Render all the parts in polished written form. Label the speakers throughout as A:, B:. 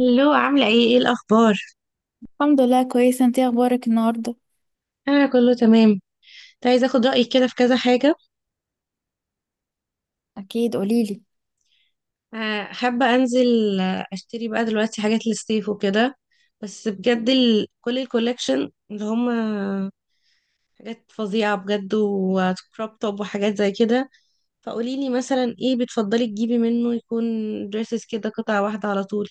A: هلو، عاملة ايه الأخبار؟
B: الحمد لله كويسة. انتي اخبارك النهاردة؟
A: أنا كله تمام. كنت عايزة أخد رأيك كده في كذا حاجة.
B: أكيد قوليلي.
A: حابة أنزل، أشتري بقى دلوقتي حاجات للصيف وكده. بس بجد كل الكوليكشن اللي هم حاجات فظيعة بجد، وكروب توب وحاجات زي كده. فقوليلي مثلا ايه بتفضلي تجيبي منه، يكون دريسز كده قطعة واحدة على طول.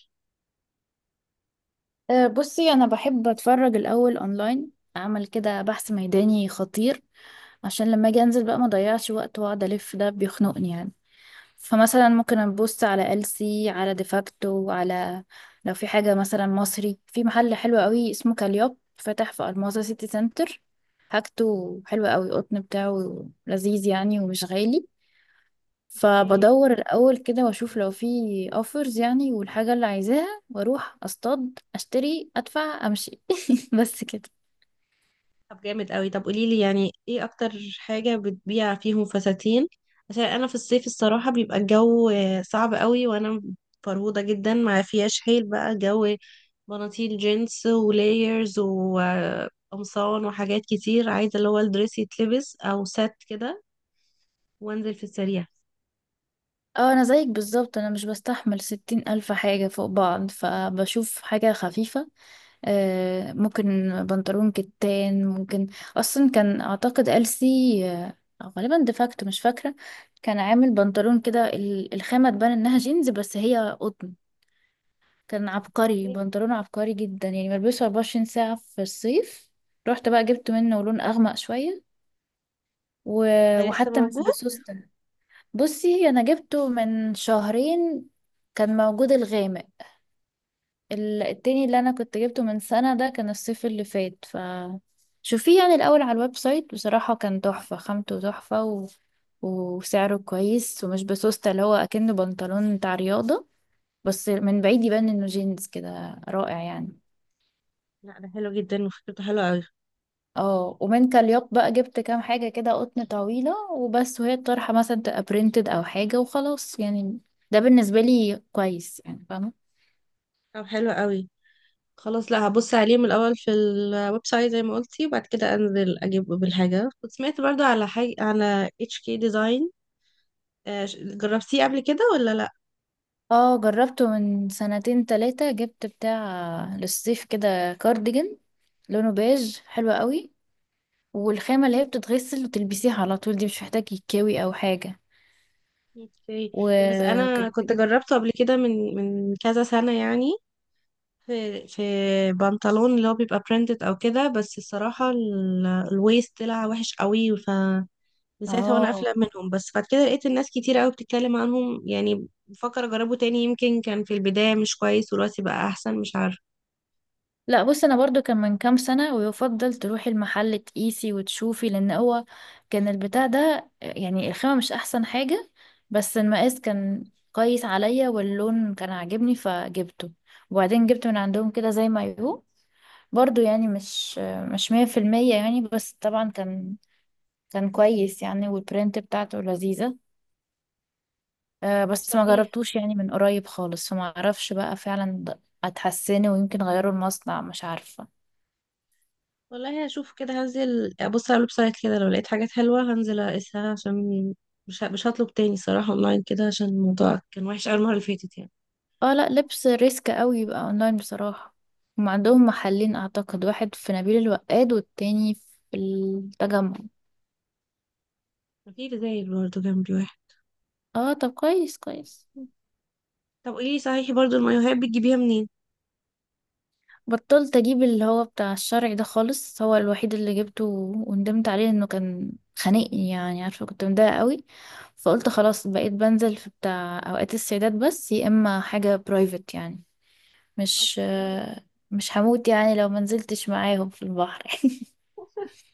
B: بصي انا بحب اتفرج الاول اونلاين، اعمل كده بحث ميداني خطير عشان لما اجي انزل بقى ما اضيعش وقت واقعد الف. ده بيخنقني يعني. فمثلا ممكن ابص على ألسي، على ديفاكتو، على لو في حاجة مثلا مصري. في محل حلو قوي اسمه كاليوب فتح في الماظة سيتي سنتر، حاجته حلوة قوي، القطن بتاعه لذيذ يعني ومش غالي. فبدور الأول كده وأشوف لو في اوفرز يعني والحاجة اللي عايزاها، وأروح أصطاد أشتري أدفع أمشي. بس كده.
A: طب جامد قوي. طب قولي لي يعني ايه اكتر حاجة بتبيع فيهم فساتين، عشان انا في الصيف الصراحة بيبقى الجو صعب قوي، وانا فرهودة جدا ما فيهاش حيل بقى جو. بناطيل جينز ولايرز وقمصان وحاجات كتير، عايزة اللي هو الدريس يتلبس او سات كده وانزل في السريع.
B: اه أنا زيك بالظبط، أنا مش بستحمل 60,000 حاجة فوق بعض، فبشوف حاجة خفيفة. ممكن بنطلون كتان ممكن. أصلا كان أعتقد ألسي أو غالبا ديفاكتو، مش فاكرة. كان عامل بنطلون كده، الخامة تبان إنها جينز بس هي قطن. كان عبقري،
A: إيه،
B: بنطلونه عبقري جدا يعني، بلبسه 24 ساعة في الصيف. رحت بقى جبت منه لون أغمق شوية و...
A: ده لسه
B: وحتى مش
A: موجود؟
B: بسوستة. بصي أنا جبته من شهرين، كان موجود الغامق. التاني اللي أنا كنت جبته من سنة ده كان الصيف اللي فات. ف شوفيه يعني الأول على الويب سايت. بصراحة كان تحفة، خامته تحفة وسعره كويس ومش بسوستة، اللي هو أكنه بنطلون بتاع رياضة، بس من بعيد يبان إنه جينز كده، رائع يعني.
A: لا، ده حلو جدا وفكرته حلوة قوي.
B: اه ومن كاليوت بقى جبت كام حاجة كده قطن طويلة وبس، وهي الطرحة مثلا تبقى برينتد أو حاجة وخلاص يعني. ده بالنسبة لي كويس يعني، فاهمة.
A: طب حلو قوي. خلاص، لا هبص عليه من الاول في الويب سايت زي ما قلتي، وبعد كده انزل اجيب بالحاجه. كنت سمعت برضو على حاجه على اتش كي ديزاين، جربتيه قبل كده ولا لا؟
B: اه جربته من سنتين تلاتة، جبت بتاع للصيف كده كارديجان، لونه بيج حلو قوي، والخامة اللي هي بتتغسل وتلبسيها على طول، دي مش محتاج يتكوي أو حاجة.
A: اوكي. بس انا
B: وكنت
A: كنت
B: جبت.
A: جربته قبل كده من كذا سنه يعني. في بنطلون اللي هو بيبقى برينتد او كده، بس الصراحه الويست طلع وحش قوي، ف من ساعتها وانا
B: اه
A: قافله منهم. بس بعد كده لقيت الناس كتير قوي بتتكلم عنهم، يعني بفكر اجربه تاني. يمكن كان في البدايه مش كويس ودلوقتي بقى احسن، مش عارفه.
B: لا بص انا برضو كان من كام سنة، ويفضل تروحي المحل تقيسي وتشوفي، لان هو كان البتاع ده يعني الخامة مش احسن حاجة، بس المقاس كان كويس عليا واللون كان عاجبني فجبته. وبعدين جبت من عندهم كده زي ما يهو، برضو يعني مش مية في المية يعني، بس طبعا كان كان كويس يعني، والبرنت بتاعته لذيذة.
A: طب
B: بس ما
A: صحيح،
B: جربتوش يعني من قريب خالص، فما اعرفش بقى فعلا اتحسنه، ويمكن غيروا المصنع، مش عارفة.
A: والله هشوف كده، هنزل ابص على الويب سايت كده، لو لقيت حاجات حلوه هنزل اقيسها، عشان مش هطلب تاني صراحه اونلاين كده، عشان الموضوع كان وحش قوي المره اللي فاتت يعني.
B: اه لا لبس ريسك قوي يبقى اونلاين بصراحة. هم عندهم محلين اعتقد، واحد في نبيل الوقاد والتاني في التجمع.
A: في زي برضه جنبي واحد.
B: اه طب كويس كويس.
A: طب قولي لي صحيح، برضه المايوهات بتجيبيها منين؟
B: بطلت اجيب اللي هو بتاع الشرعي ده خالص، هو الوحيد اللي جبته وندمت عليه، انه كان خانقني يعني، عارفة كنت مضايقة قوي. فقلت خلاص بقيت بنزل في بتاع اوقات السيدات بس، يا اما حاجة برايفت يعني. مش
A: اوكي.
B: مش هموت يعني لو منزلتش معاهم في البحر.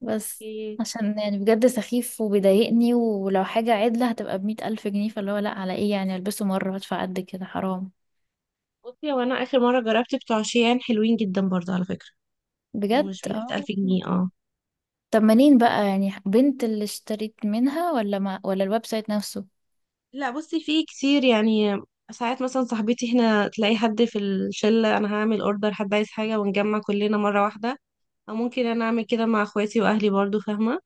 B: بس
A: اوكي.
B: عشان يعني بجد سخيف وبيضايقني، ولو حاجة عدلة هتبقى بمية ألف جنيه، فاللي هو لأ، على ايه يعني ألبسه مرة وأدفع قد كده، حرام.
A: بصي، هو انا اخر مره جربت بتوع شيان حلوين جدا برضه على فكره،
B: بجد
A: ومش بيحت
B: اه.
A: 1000 جنيه. اه
B: طب منين بقى يعني؟ بنت اللي اشتريت منها ولا ما ولا الويب سايت نفسه؟
A: لا، بصي في كتير يعني. ساعات مثلا صاحبتي هنا تلاقي حد في الشلة، انا هعمل اوردر حد عايز حاجة ونجمع كلنا مرة واحدة. او ممكن انا اعمل كده مع اخواتي واهلي برضو، فاهمة؟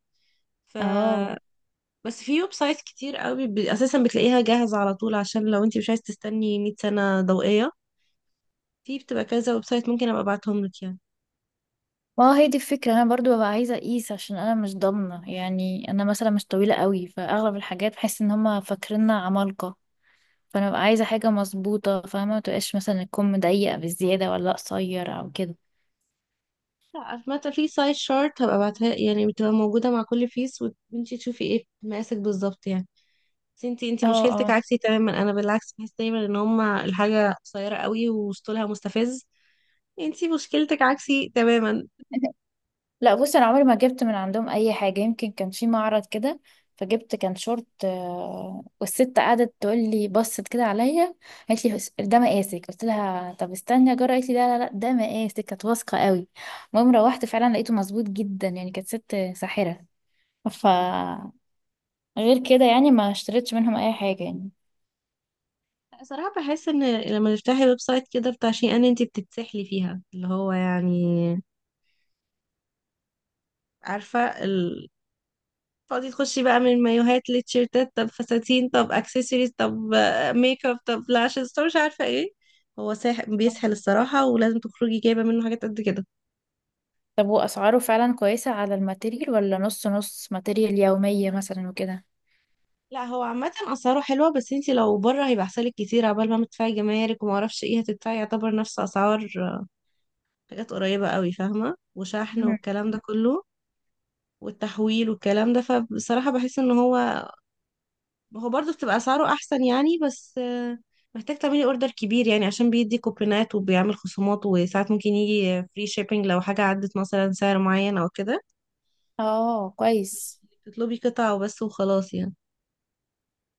A: ف
B: اه
A: بس في ويب سايت كتير قوي، اساسا بتلاقيها جاهزة على طول عشان لو انت مش عايز تستني 100 سنة ضوئية. في بتبقى كذا ويب سايت، ممكن ابقى ابعتهم لك يعني.
B: ما هو هي دي الفكرة، انا برضو ببقى عايزة اقيس، عشان انا مش ضامنة يعني، انا مثلا مش طويلة قوي، فاغلب الحاجات بحس ان هما فاكريننا عمالقة. فانا ببقى عايزة حاجة مظبوطة، فاهمة، ما تبقاش مثلا الكم ضيق بالزيادة ولا قصير او كده.
A: لا مثلا في سايت شارت هبقى ابعتها، يعني بتبقى موجودة مع كل فيس وانت تشوفي ايه مقاسك بالظبط يعني. بس انتي
B: اه
A: مشكلتك
B: اه.
A: عكسي تماما. انا بالعكس بحس دايما ان هما الحاجة قصيرة قوي وسطولها مستفز. انتي مشكلتك عكسي تماما.
B: لا بص انا عمري ما جبت من عندهم اي حاجه، يمكن كان في معرض كده فجبت، كان شورت. والست قعدت تقول لي، بصت كده عليا قالت لي ده مقاسك"، قلت لها طب استني اجرب، قالت لي لا لا لا ده مقاسك، كانت واثقه قوي. المهم روحت فعلا لقيته مظبوط جدا يعني، كانت ست ساحره. ف غير كده يعني ما اشتريتش منهم اي حاجه يعني.
A: صراحة بحس ان لما تفتحي ويب سايت كده بتاع شيء، ان انتي بتتسحلي فيها، اللي هو يعني، عارفة تقعدي تخشي بقى من مايوهات لتيشيرتات، طب فساتين، طب اكسسوارز، طب ميك اب، طب لاشز، طب مش عارفة ايه. هو بيسحل الصراحة، ولازم تخرجي جايبة منه حاجات قد كده.
B: طب واسعاره فعلا كويسه على الماتيريال، ولا نص نص ماتيريال يوميه مثلا وكده؟
A: لا هو عامة أسعاره حلوة، بس انتي لو بره هيبقى أحسنلك كتير، عبال ما تدفعي جمارك وما اعرفش ايه هتدفعي، يعتبر نفس أسعار حاجات قريبة قوي، فاهمة، وشحن
B: مم.
A: والكلام ده كله والتحويل والكلام ده. فبصراحة بحس ان هو، هو برضه بتبقى أسعاره أحسن يعني، بس محتاج تعملي اوردر كبير يعني، عشان بيدي كوبونات وبيعمل خصومات، وساعات ممكن يجي فري شيبينج لو حاجة عدت مثلا سعر معين أو كده،
B: اه
A: مش
B: كويس.
A: إنك تطلبي قطعة وبس وخلاص يعني.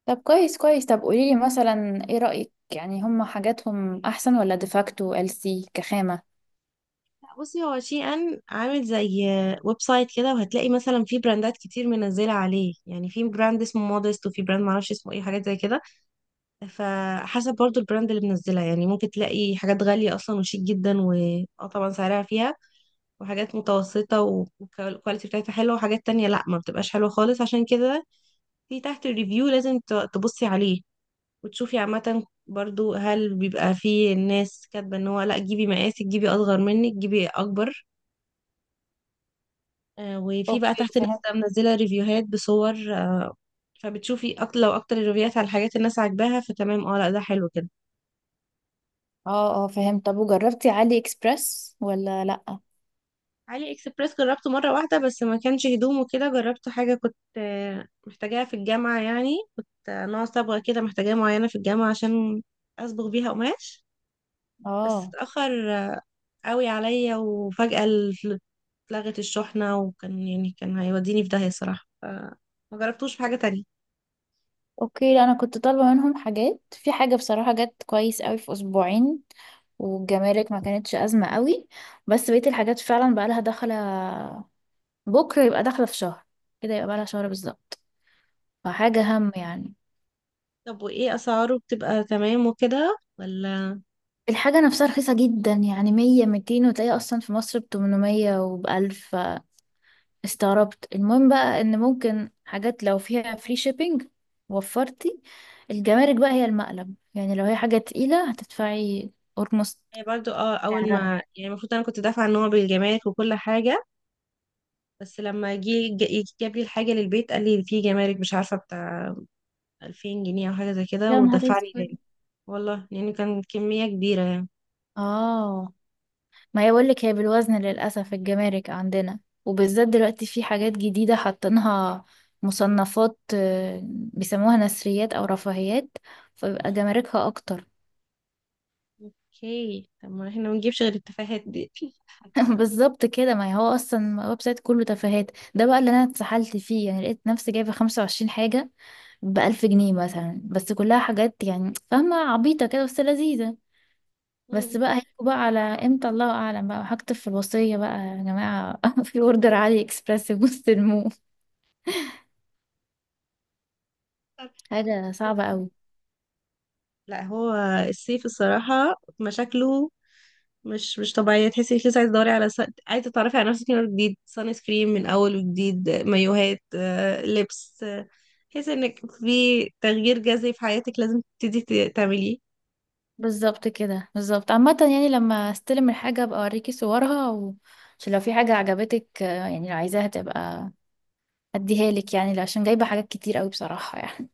B: طب كويس كويس. طب قوليلي مثلا ايه رأيك يعني، هم حاجاتهم احسن ولا ديفاكتو ال سي كخامة؟
A: بصي، هو شي ان عامل زي ويب سايت كده، وهتلاقي مثلا في براندات كتير منزله عليه، يعني في براند اسمه مودست وفي براند معرفش اسمه ايه، حاجات زي كده. فحسب برضو البراند اللي منزلها يعني، ممكن تلاقي حاجات غاليه اصلا وشيك جدا و اه طبعا سعرها فيها، وحاجات متوسطه والكواليتي بتاعتها حلوه، وحاجات تانية لا ما بتبقاش حلوه خالص. عشان كده في تحت الريفيو لازم تبصي عليه وتشوفي عامه برضو، هل بيبقى فيه الناس كاتبه ان هو لا جيبي مقاسك، جيبي اصغر منك، جيبي اكبر. وفي بقى
B: اوكي
A: تحت لسه
B: فهمت.
A: منزله ريفيوهات بصور. آه، فبتشوفي اكتر، لو اكتر الريفيوهات على الحاجات الناس عاجباها فتمام. اه لا، ده حلو كده.
B: اه اه فهمت. طب وجربتي علي اكسبرس ولا لا؟
A: علي اكسبريس جربته مره واحده بس، ما كانش هدوم وكده. جربته حاجه كنت محتاجاها في الجامعه يعني، كنت نوع صبغه كده محتاجاها معينه في الجامعه عشان اصبغ بيها قماش. بس
B: اه
A: اتاخر قوي عليا، وفجاه اتلغت الشحنه، وكان يعني كان هيوديني في داهيه صراحه. ما جربتوش في حاجه تانية.
B: اوكي. لا انا كنت طالبة منهم حاجات في حاجة، بصراحة جت كويس قوي في اسبوعين، والجمارك ما كانتش ازمة قوي. بس بقية الحاجات فعلا بقى لها داخلة، بكرة يبقى داخلة في شهر، كده يبقى بقى لها شهر بالظبط. فحاجة هم يعني.
A: طب وايه اسعاره بتبقى تمام وكده، ولا؟
B: الحاجة نفسها رخيصة جدا يعني 100 200، وتلاقي أصلا في مصر ب 800 و 1000، استغربت. المهم بقى إن ممكن حاجات لو فيها فري شيبينج، وفرتي. الجمارك بقى هي المقلب يعني، لو هي حاجة تقيلة هتدفعي أورموست
A: هي برضو، اه اول
B: سعرها.
A: ما يعني المفروض انا كنت دافعه ان هو بالجمارك وكل حاجه، بس لما جه جاب لي الحاجه للبيت، قال لي في جمارك مش عارفه بتاع 2000 جنيه او حاجه زي كده،
B: يا نهار
A: ودفع لي
B: اسود.
A: تاني. والله يعني كان كميه كبيره يعني.
B: اه ما هي بقولك، هي بالوزن للأسف الجمارك عندنا، وبالذات دلوقتي في حاجات جديدة حاطينها مصنفات، بيسموها نثريات أو رفاهيات، فبيبقى جماركها أكتر.
A: اوكي، طب ما احنا ما نجيبش غير التفاهات دي.
B: بالظبط كده. ما هو اصلا ويب سايت كله تفاهات، ده بقى اللي انا اتسحلت فيه يعني، لقيت نفسي جايبه 25 حاجه ب 1000 جنيه مثلا، بس كلها حاجات يعني فاهمه، عبيطه كده بس لذيذه. بس
A: مم.
B: بقى هيجوا بقى على امتى الله اعلم، بقى هكتب في الوصيه بقى يا جماعه، في اوردر علي اكسبريس مستلموه.
A: طب
B: حاجه صعبه
A: يلا.
B: قوي.
A: لا هو الصيف الصراحه مشاكله، مش مش طبيعية، تحسي انك لسه عايزة تدوري على عايزة تتعرفي على نفسك من أول جديد، سان سكرين من أول وجديد، مايوهات، لبس، تحسي انك في تغيير جذري في حياتك لازم تبتدي تعمليه.
B: بالظبط كده بالظبط. عامه يعني لما استلم الحاجه ابقى اوريكي صورها عشان لو في حاجه عجبتك، يعني لو عايزاها تبقى اديها لك يعني، عشان جايبه حاجات كتير قوي بصراحه يعني.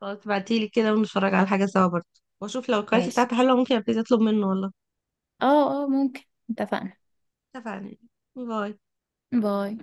A: خلاص تبعتيلي كده ونتفرج على حاجة سوا برضه، واشوف لو الكواليتي
B: ماشي.
A: بتاعتها حلوة ممكن ابتدي اطلب منه والله.
B: اه اه ممكن. اتفقنا.
A: اتفقنا. باي.
B: باي.